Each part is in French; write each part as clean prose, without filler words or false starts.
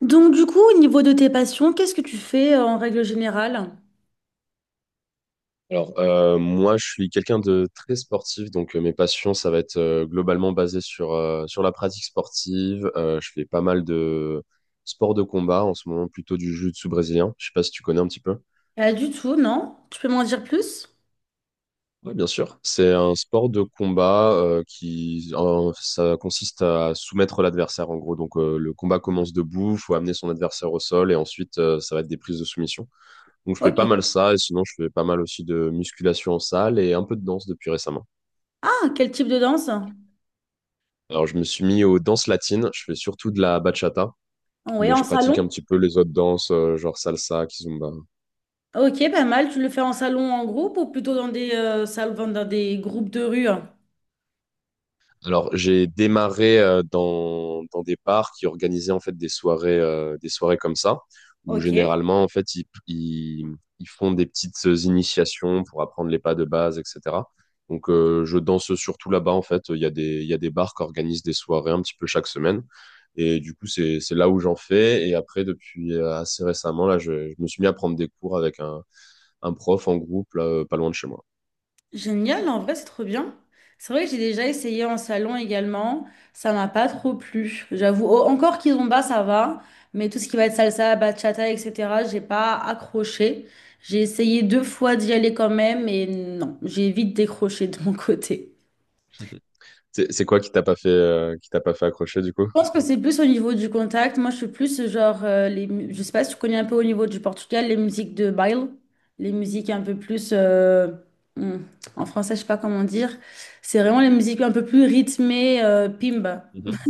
Donc du coup, au niveau de tes passions, qu'est-ce que tu fais en règle générale? Alors, moi, je suis quelqu'un de très sportif, donc mes passions, ça va être globalement basé sur la pratique sportive. Je fais pas mal de sports de combat, en ce moment plutôt du jiu-jitsu brésilien. Je sais pas si tu connais un petit peu. Pas du tout, non? Tu peux m'en dire plus? Oui, bien sûr. C'est un sport de combat ça consiste à soumettre l'adversaire, en gros. Donc, le combat commence debout, faut amener son adversaire au sol, et ensuite, ça va être des prises de soumission. Donc, je fais pas Ok. mal ça, et sinon, je fais pas mal aussi de musculation en salle et un peu de danse depuis récemment. Ah, quel type de danse? Alors, je me suis mis aux danses latines. Je fais surtout de la bachata, Oui, mais en je pratique un salon? petit peu les autres danses, genre salsa, kizomba. Ok, pas mal. Tu le fais en salon, en groupe ou plutôt dans des, salons, dans des groupes de rue? Alors, j'ai démarré dans des bars qui organisaient en fait des soirées, des soirées comme ça, où Ok. généralement en fait ils font des petites initiations pour apprendre les pas de base, etc. Donc, je danse surtout là-bas en fait. Il y a des bars qui organisent des soirées un petit peu chaque semaine, et du coup c'est là où j'en fais. Et après, depuis assez récemment là, je me suis mis à prendre des cours avec un prof en groupe là, pas loin de chez moi. Génial, en vrai, c'est trop bien. C'est vrai que j'ai déjà essayé en salon également. Ça m'a pas trop plu, j'avoue. Oh, encore kizomba, ça va. Mais tout ce qui va être salsa, bachata, etc., j'ai pas accroché. J'ai essayé deux fois d'y aller quand même, et non, j'ai vite décroché de mon côté. C'est quoi qui t'a pas fait accrocher du coup? Je pense que c'est plus au niveau du contact. Moi, je suis plus genre, les, je sais pas si tu connais un peu au niveau du Portugal, les musiques de baile, les musiques un peu plus, hmm, en français, je sais pas comment dire. C'est vraiment les musiques un peu plus rythmées, pimba. Mhm.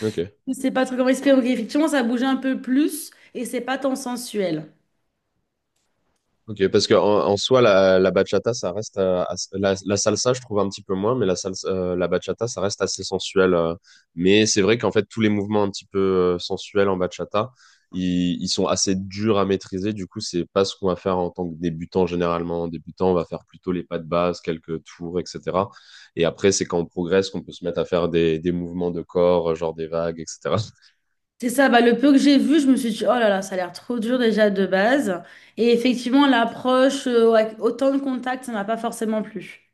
Ok. Je sais pas trop comment expliquer, mais effectivement, ça bouge un peu plus et c'est pas tant sensuel. Ok, parce que en soi, la bachata, ça reste la salsa, je trouve un petit peu moins, mais la salsa, la bachata, ça reste assez sensuel. Mais c'est vrai qu'en fait, tous les mouvements un petit peu sensuels en bachata, ils sont assez durs à maîtriser. Du coup, c'est pas ce qu'on va faire en tant que débutant généralement. En débutant, on va faire plutôt les pas de base, quelques tours, etc. Et après, c'est quand on progresse qu'on peut se mettre à faire des mouvements de corps, genre des vagues, etc. C'est ça, bah, le peu que j'ai vu, je me suis dit, oh là là, ça a l'air trop dur déjà de base. Et effectivement, l'approche, avec autant de contact, ça m'a pas forcément plu.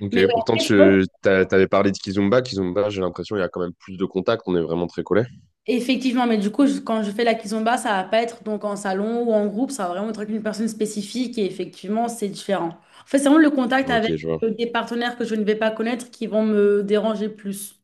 Ok, Mais pourtant, ouais, t'avais parlé de Kizomba. Kizomba, j'ai l'impression, il y a quand même plus de contact. On est vraiment très collé. effectivement, mais du coup, quand je fais la kizomba, ça va pas être donc en salon ou en groupe, ça va vraiment être avec une personne spécifique et effectivement, c'est différent. En fait, c'est vraiment le contact avec Ok, je vois. Des partenaires que je ne vais pas connaître qui vont me déranger plus.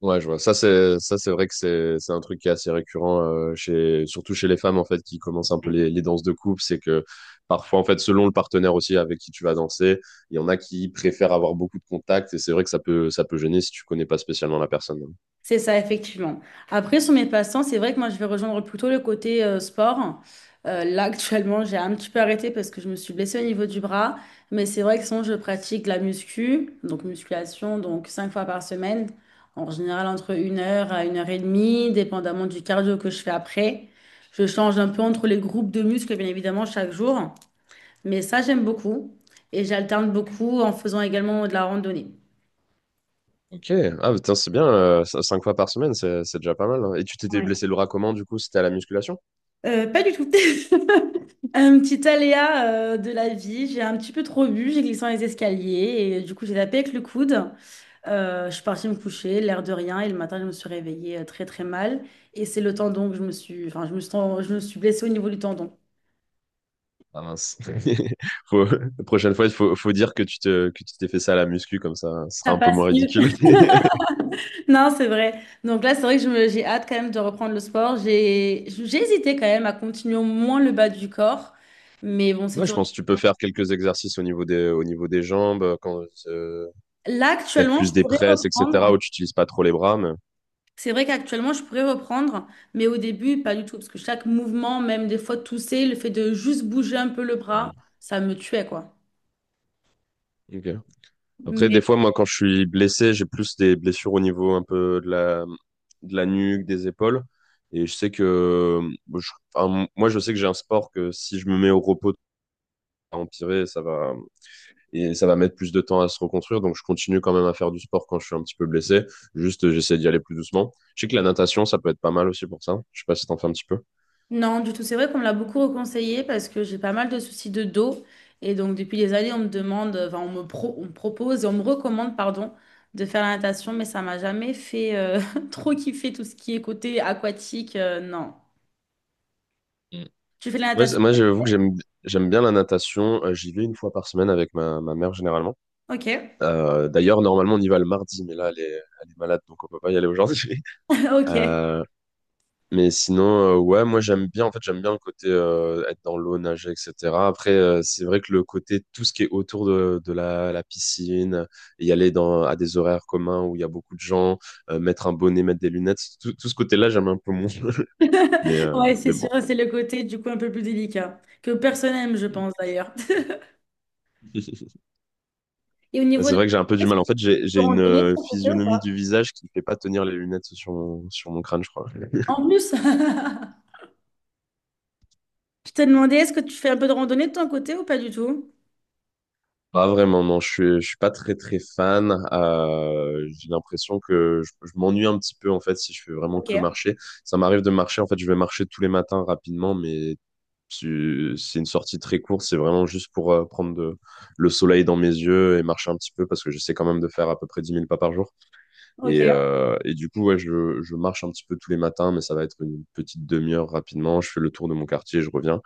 Ouais, je vois. Ça, c'est vrai que c'est un truc qui est assez récurrent chez surtout chez les femmes en fait qui commencent un peu les danses de couple, c'est que parfois en fait selon le partenaire aussi avec qui tu vas danser, il y en a qui préfèrent avoir beaucoup de contacts et c'est vrai que ça peut gêner si tu connais pas spécialement la personne. C'est ça, effectivement. Après, sur mes passe-temps, c'est vrai que moi, je vais rejoindre plutôt le côté sport. Là, actuellement, j'ai un petit peu arrêté parce que je me suis blessée au niveau du bras. Mais c'est vrai que sinon, je pratique la muscu, donc musculation, donc cinq fois par semaine. En général, entre une heure à une heure et demie, dépendamment du cardio que je fais après. Je change un peu entre les groupes de muscles, bien évidemment, chaque jour. Mais ça, j'aime beaucoup. Et j'alterne beaucoup en faisant également de la randonnée. Ok, ah putain, c'est bien. 5 fois par semaine, c'est déjà pas mal. Hein. Et tu t'étais Ouais. blessé le bras comment du coup? C'était à la musculation? Pas du tout. Un petit aléa de la vie, j'ai un petit peu trop bu, j'ai glissé dans les escaliers et du coup j'ai tapé avec le coude. Je suis partie me coucher, l'air de rien, et le matin je me suis réveillée très très mal. Et c'est le tendon que je me suis, enfin je me suis, je me suis blessée au niveau du tendon. Ah mince. La prochaine fois, il faut dire que que tu t'es fait ça à la muscu, comme ça, ce sera Ça un peu passe moins mieux. ridicule. Non, c'est vrai. Donc là, c'est vrai que j'ai hâte quand même de reprendre le sport. J'ai hésité quand même à continuer au moins le bas du corps, mais bon, c'est Ouais, je toujours. pense que tu peux faire quelques exercices au niveau des jambes, Là, peut-être actuellement, plus je des pourrais presses, reprendre. etc., où tu n'utilises pas trop les bras, mais. C'est vrai qu'actuellement, je pourrais reprendre, mais au début, pas du tout, parce que chaque mouvement, même des fois tousser, le fait de juste bouger un peu le Hmm. bras, ça me tuait, quoi. Ok. Après, des Mais fois, moi, quand je suis blessé, j'ai plus des blessures au niveau un peu de la nuque, des épaules. Et je sais que, enfin, moi, je sais que j'ai un sport que si je me mets au repos, ça va empirer, et ça va mettre plus de temps à se reconstruire. Donc, je continue quand même à faire du sport quand je suis un petit peu blessé. Juste, j'essaie d'y aller plus doucement. Je sais que la natation, ça peut être pas mal aussi pour ça. Je sais pas si t'en fais un petit peu. non, du tout, c'est vrai qu'on me l'a beaucoup reconseillé parce que j'ai pas mal de soucis de dos. Et donc, depuis des années, on me demande, enfin, on me, on me propose et on me recommande, pardon, de faire la natation, mais ça m'a jamais fait trop kiffer tout ce qui est côté aquatique. Non. Mm. Tu fais de la Moi, natation? moi, j'avoue que j'aime bien la natation. J'y vais une fois par semaine avec ma mère généralement. Ok. D'ailleurs, normalement, on y va le mardi, mais là, elle est malade, donc on peut pas y aller aujourd'hui. Ok. Mais sinon, ouais, moi j'aime bien, en fait, j'aime bien le côté être dans l'eau, nager, etc. Après, c'est vrai que le côté, tout ce qui est autour de la piscine, y aller à des horaires communs où il y a beaucoup de gens, mettre un bonnet, mettre des lunettes, tout ce côté-là, j'aime un peu moins. Ouais, c'est mais sûr, bon. c'est le côté du coup un peu plus délicat, que personne n'aime, je pense d'ailleurs. Et au niveau C'est de vrai que j'ai un peu la… du Est-ce mal. que En tu fait, fais j'ai, de j'ai une randonnée de ton côté ou physionomie du pas? visage qui ne fait pas tenir les lunettes sur mon crâne, je crois. En plus, je t'ai demandé, est-ce que tu fais un peu de randonnée de ton côté ou pas du tout? Pas vraiment, non, je suis pas très très fan. J'ai l'impression que je m'ennuie un petit peu en fait si je fais vraiment Ok, que marcher. Ça m'arrive de marcher, en fait, je vais marcher tous les matins rapidement, mais c'est une sortie très courte, c'est vraiment juste pour prendre le soleil dans mes yeux et marcher un petit peu parce que j'essaie quand même de faire à peu près 10 000 pas par jour. Et, ok. euh, et du coup, ouais, je marche un petit peu tous les matins, mais ça va être une petite demi-heure rapidement. Je fais le tour de mon quartier, je reviens.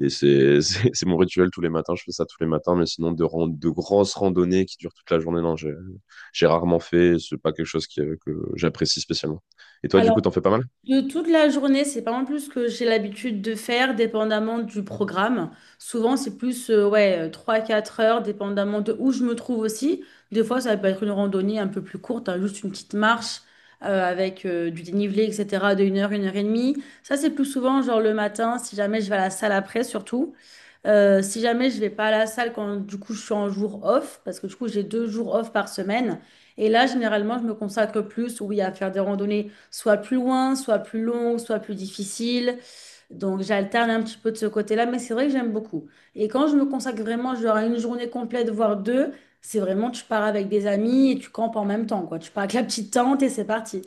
Et c'est c'est mon rituel tous les matins. Je fais ça tous les matins, mais sinon, de grosses randonnées qui durent toute la journée, non, j'ai rarement fait. C'est pas quelque chose que j'apprécie spécialement. Et toi, du Alors. coup, t'en fais pas mal? De toute la journée, c'est pas en plus ce que j'ai l'habitude de faire, dépendamment du programme. Souvent, c'est plus ouais, trois quatre heures, dépendamment de où je me trouve aussi. Des fois, ça peut être une randonnée un peu plus courte, hein, juste une petite marche avec du dénivelé, etc., de une heure et demie. Ça, c'est plus souvent, genre le matin, si jamais je vais à la salle après, surtout. Si jamais je vais pas à la salle quand du coup je suis en jour off, parce que du coup j'ai deux jours off par semaine, et là généralement je me consacre plus, oui, à faire des randonnées soit plus loin, soit plus longues, soit plus difficiles. Donc j'alterne un petit peu de ce côté-là, mais c'est vrai que j'aime beaucoup. Et quand je me consacre vraiment, genre à une journée complète, voire deux, c'est vraiment tu pars avec des amis et tu campes en même temps, quoi. Tu pars avec la petite tente et c'est parti.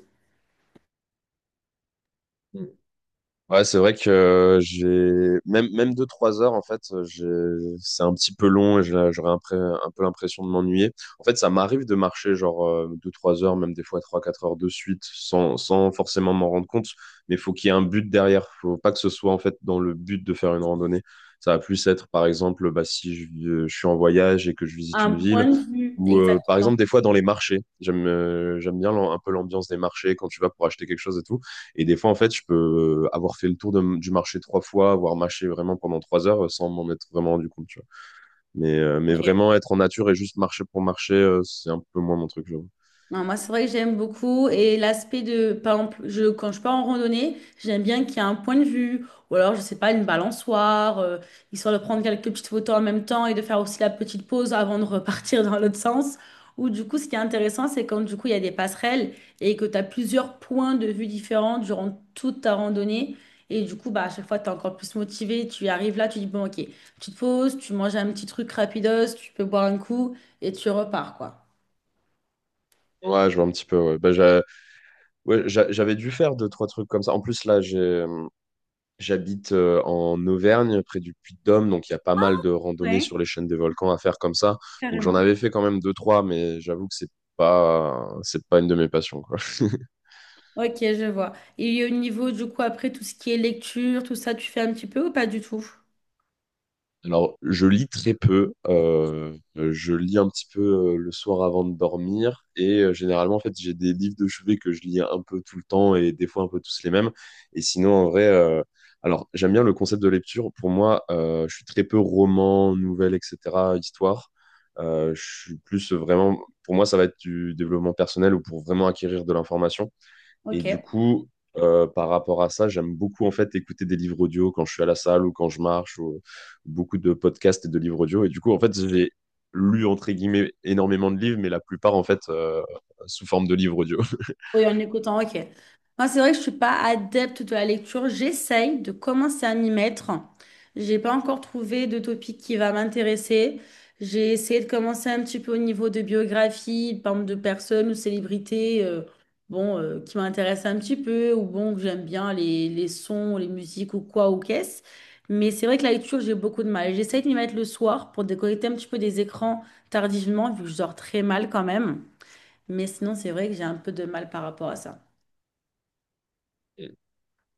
Ouais, c'est vrai que j'ai même 2 3 heures en fait, c'est un petit peu long et j'aurais un peu l'impression de m'ennuyer. En fait, ça m'arrive de marcher genre 2 3 heures, même des fois 3 4 heures de suite, sans forcément m'en rendre compte. Mais faut qu'il y ait un but derrière. Faut pas que ce soit en fait dans le but de faire une randonnée. Ça va plus être par exemple, bah si je suis en voyage et que je visite Un une point ville, de vue. ou par exemple des fois dans les marchés. J'aime bien un peu l'ambiance des marchés quand tu vas pour acheter quelque chose et tout. Et des fois, en fait, je peux avoir fait le tour du marché trois fois, avoir marché vraiment pendant 3 heures sans m'en être vraiment rendu compte, tu vois. Mais vraiment être en nature et juste marcher pour marcher, c'est un peu moins mon truc, j'avoue. Non, moi, c'est vrai que j'aime beaucoup. Et l'aspect de, par exemple, je, quand je pars en randonnée, j'aime bien qu'il y ait un point de vue, ou alors, je sais pas, une balançoire, histoire de prendre quelques petites photos en même temps et de faire aussi la petite pause avant de repartir dans l'autre sens. Ou du coup, ce qui est intéressant, c'est quand du coup, il y a des passerelles et que tu as plusieurs points de vue différents durant toute ta randonnée. Et du coup, bah, à chaque fois, tu es encore plus motivé. Tu arrives là, tu dis, bon, ok, tu te poses, tu manges un petit truc rapidos, tu peux boire un coup et tu repars, quoi. Ouais, je vois un petit peu, ouais. Bah, ouais, j'avais dû faire deux, trois trucs comme ça. En plus, là, j'habite en Auvergne, près du Puy-de-Dôme, donc il y a pas mal de randonnées Ouais, sur les chaînes des volcans à faire comme ça. Donc j'en carrément. avais fait quand même deux, trois, mais j'avoue que c'est pas une de mes passions, quoi. Ok, je vois. Et au niveau, du coup, après, tout ce qui est lecture, tout ça, tu fais un petit peu ou pas du tout? Alors, je lis très peu. Je lis un petit peu le soir avant de dormir. Et généralement, en fait, j'ai des livres de chevet que je lis un peu tout le temps et des fois un peu tous les mêmes. Et sinon, en vrai, alors, j'aime bien le concept de lecture. Pour moi, je suis très peu roman, nouvelle, etc., histoire. Je suis plus vraiment, pour moi, ça va être du développement personnel ou pour vraiment acquérir de l'information. Et du Ok. coup, par rapport à ça, j'aime beaucoup en fait écouter des livres audio quand je suis à la salle ou quand je marche, ou beaucoup de podcasts et de livres audio. Et du coup, en fait, j'ai lu entre guillemets énormément de livres, mais la plupart en fait sous forme de livres audio. Oui, en écoutant, ok. Moi, c'est vrai que je suis pas adepte de la lecture. J'essaye de commencer à m'y mettre. J'ai pas encore trouvé de topic qui va m'intéresser. J'ai essayé de commencer un petit peu au niveau de biographie, par exemple de personnes ou célébrités, bon, qui m'intéressent un petit peu, ou bon, que j'aime bien les sons, les musiques ou quoi, ou qu'est-ce. Mais c'est vrai que la lecture, j'ai beaucoup de mal. J'essaye de m'y mettre le soir pour déconnecter un petit peu des écrans tardivement, vu que je dors très mal quand même. Mais sinon, c'est vrai que j'ai un peu de mal par rapport à ça. Et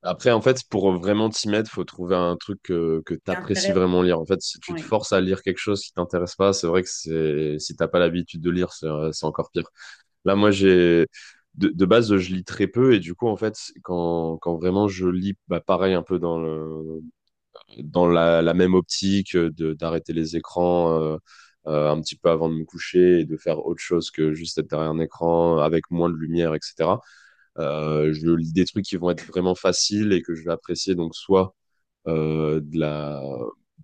après, en fait, pour vraiment t'y mettre, faut trouver un truc que C'est t'apprécies intéressant, vraiment lire. En fait, si tu te oui. forces à lire quelque chose qui t'intéresse pas, c'est vrai que c'est si t'as pas l'habitude de lire, c'est encore pire. Là, moi, j'ai de base, je lis très peu et du coup, en fait, quand vraiment je lis, bah, pareil, un peu dans la même optique de d'arrêter les écrans un petit peu avant de me coucher et de faire autre chose que juste être derrière un écran avec moins de lumière, etc. Je lis des trucs qui vont être vraiment faciles et que je vais apprécier, donc soit euh, de la,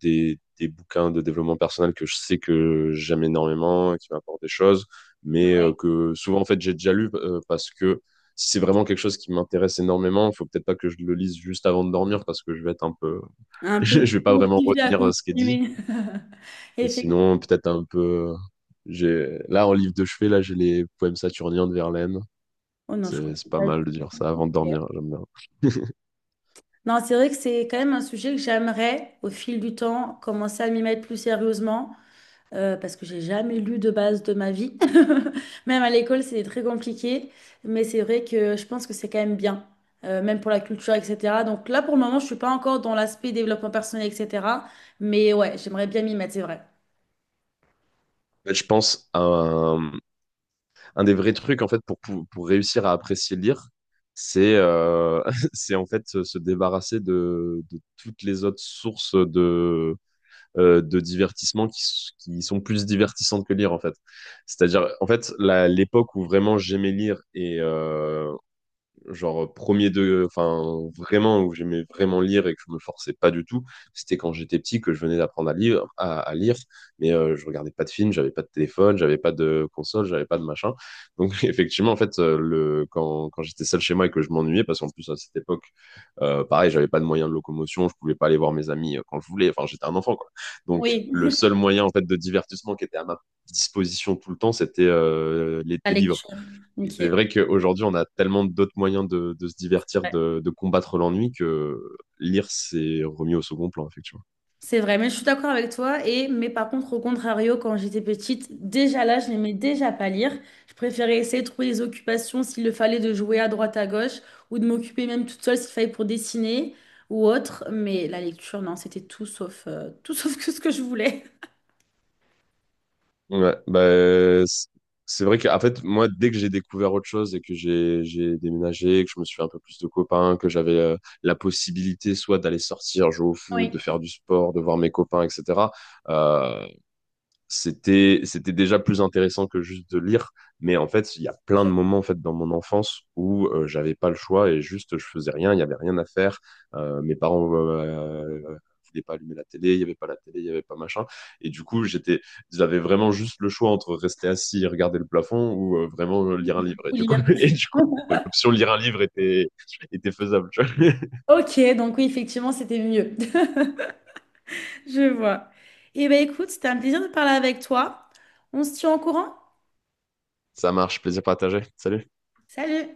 des bouquins de développement personnel que je sais que j'aime énormément, qui m'apportent des choses, mais Ouais. Que souvent, en fait, j'ai déjà lu parce que si c'est vraiment quelque chose qui m'intéresse énormément, il faut peut-être pas que je le lise juste avant de dormir parce que je vais être un peu. Un Je peu vais pas vraiment motivée à retenir ce qui est dit. continuer. Et Effectivement. sinon, peut-être un peu, j'ai là en livre de chevet, là j'ai les poèmes saturniens de Verlaine. Oh non, je C'est comprends c'est pas pas. Du mal de dire tout. ça avant de Ok. dormir. J'aime bien. Non, c'est vrai que c'est quand même un sujet que j'aimerais, au fil du temps, commencer à m'y mettre plus sérieusement, parce que j'ai jamais lu de base de ma vie. Même à l'école, c'était très compliqué, mais c'est vrai que je pense que c'est quand même bien, même pour la culture, etc. Donc là, pour le moment, je suis pas encore dans l'aspect développement personnel, etc. Mais ouais, j'aimerais bien m'y mettre, c'est vrai. En fait, je pense à un des vrais trucs en fait pour réussir à apprécier lire, c'est c'est en fait se débarrasser de toutes les autres sources de divertissement qui sont plus divertissantes que lire en fait. C'est-à-dire en fait l'époque où vraiment j'aimais lire et, genre enfin vraiment où j'aimais vraiment lire et que je me forçais pas du tout, c'était quand j'étais petit que je venais d'apprendre à lire, à lire, mais je regardais pas de films, j'avais pas de téléphone, j'avais pas de console, j'avais pas de machin. Donc effectivement en fait le quand quand j'étais seul chez moi et que je m'ennuyais parce qu'en plus à cette époque pareil j'avais pas de moyens de locomotion, je pouvais pas aller voir mes amis quand je voulais, enfin j'étais un enfant quoi. Donc Oui, le seul moyen en fait de divertissement qui était à ma disposition tout le temps c'était les la des livres. lecture. Et c'est Ok. vrai qu'aujourd'hui, on a tellement d'autres moyens de se divertir, Ouais. de combattre l'ennui que lire, c'est remis au second plan, effectivement. C'est vrai, mais je suis d'accord avec toi. Et, mais par contre, au contrario, quand j'étais petite, déjà là, je n'aimais déjà pas lire. Je préférais essayer de trouver des occupations s'il le fallait de jouer à droite à gauche ou de m'occuper même toute seule s'il fallait pour dessiner ou autre. Mais la lecture, non, c'était tout sauf, tout sauf que ce que je voulais. Ouais, bah, c'est vrai qu'en fait, moi, dès que j'ai découvert autre chose et que j'ai déménagé, que je me suis fait un peu plus de copains, que j'avais la possibilité soit d'aller sortir, jouer au foot, de Oui. faire du sport, de voir mes copains, etc., c'était déjà plus intéressant que juste de lire mais en fait il y a plein Je. de moments en fait dans mon enfance où j'avais pas le choix et juste je faisais rien il y avait rien à faire. Mes parents voulaient pas allumer la télé il y avait pas la télé il y avait pas machin et du coup j'avais vraiment juste le choix entre rester assis et regarder le plafond ou vraiment lire un livre et Ou du coup lire. et du coup l'option lire un livre était faisable tu vois. Ok, donc oui, effectivement, c'était mieux. Je vois. Eh bien, écoute, c'était un plaisir de parler avec toi. On se tient au courant? Ça marche, plaisir partagé. Salut. Salut!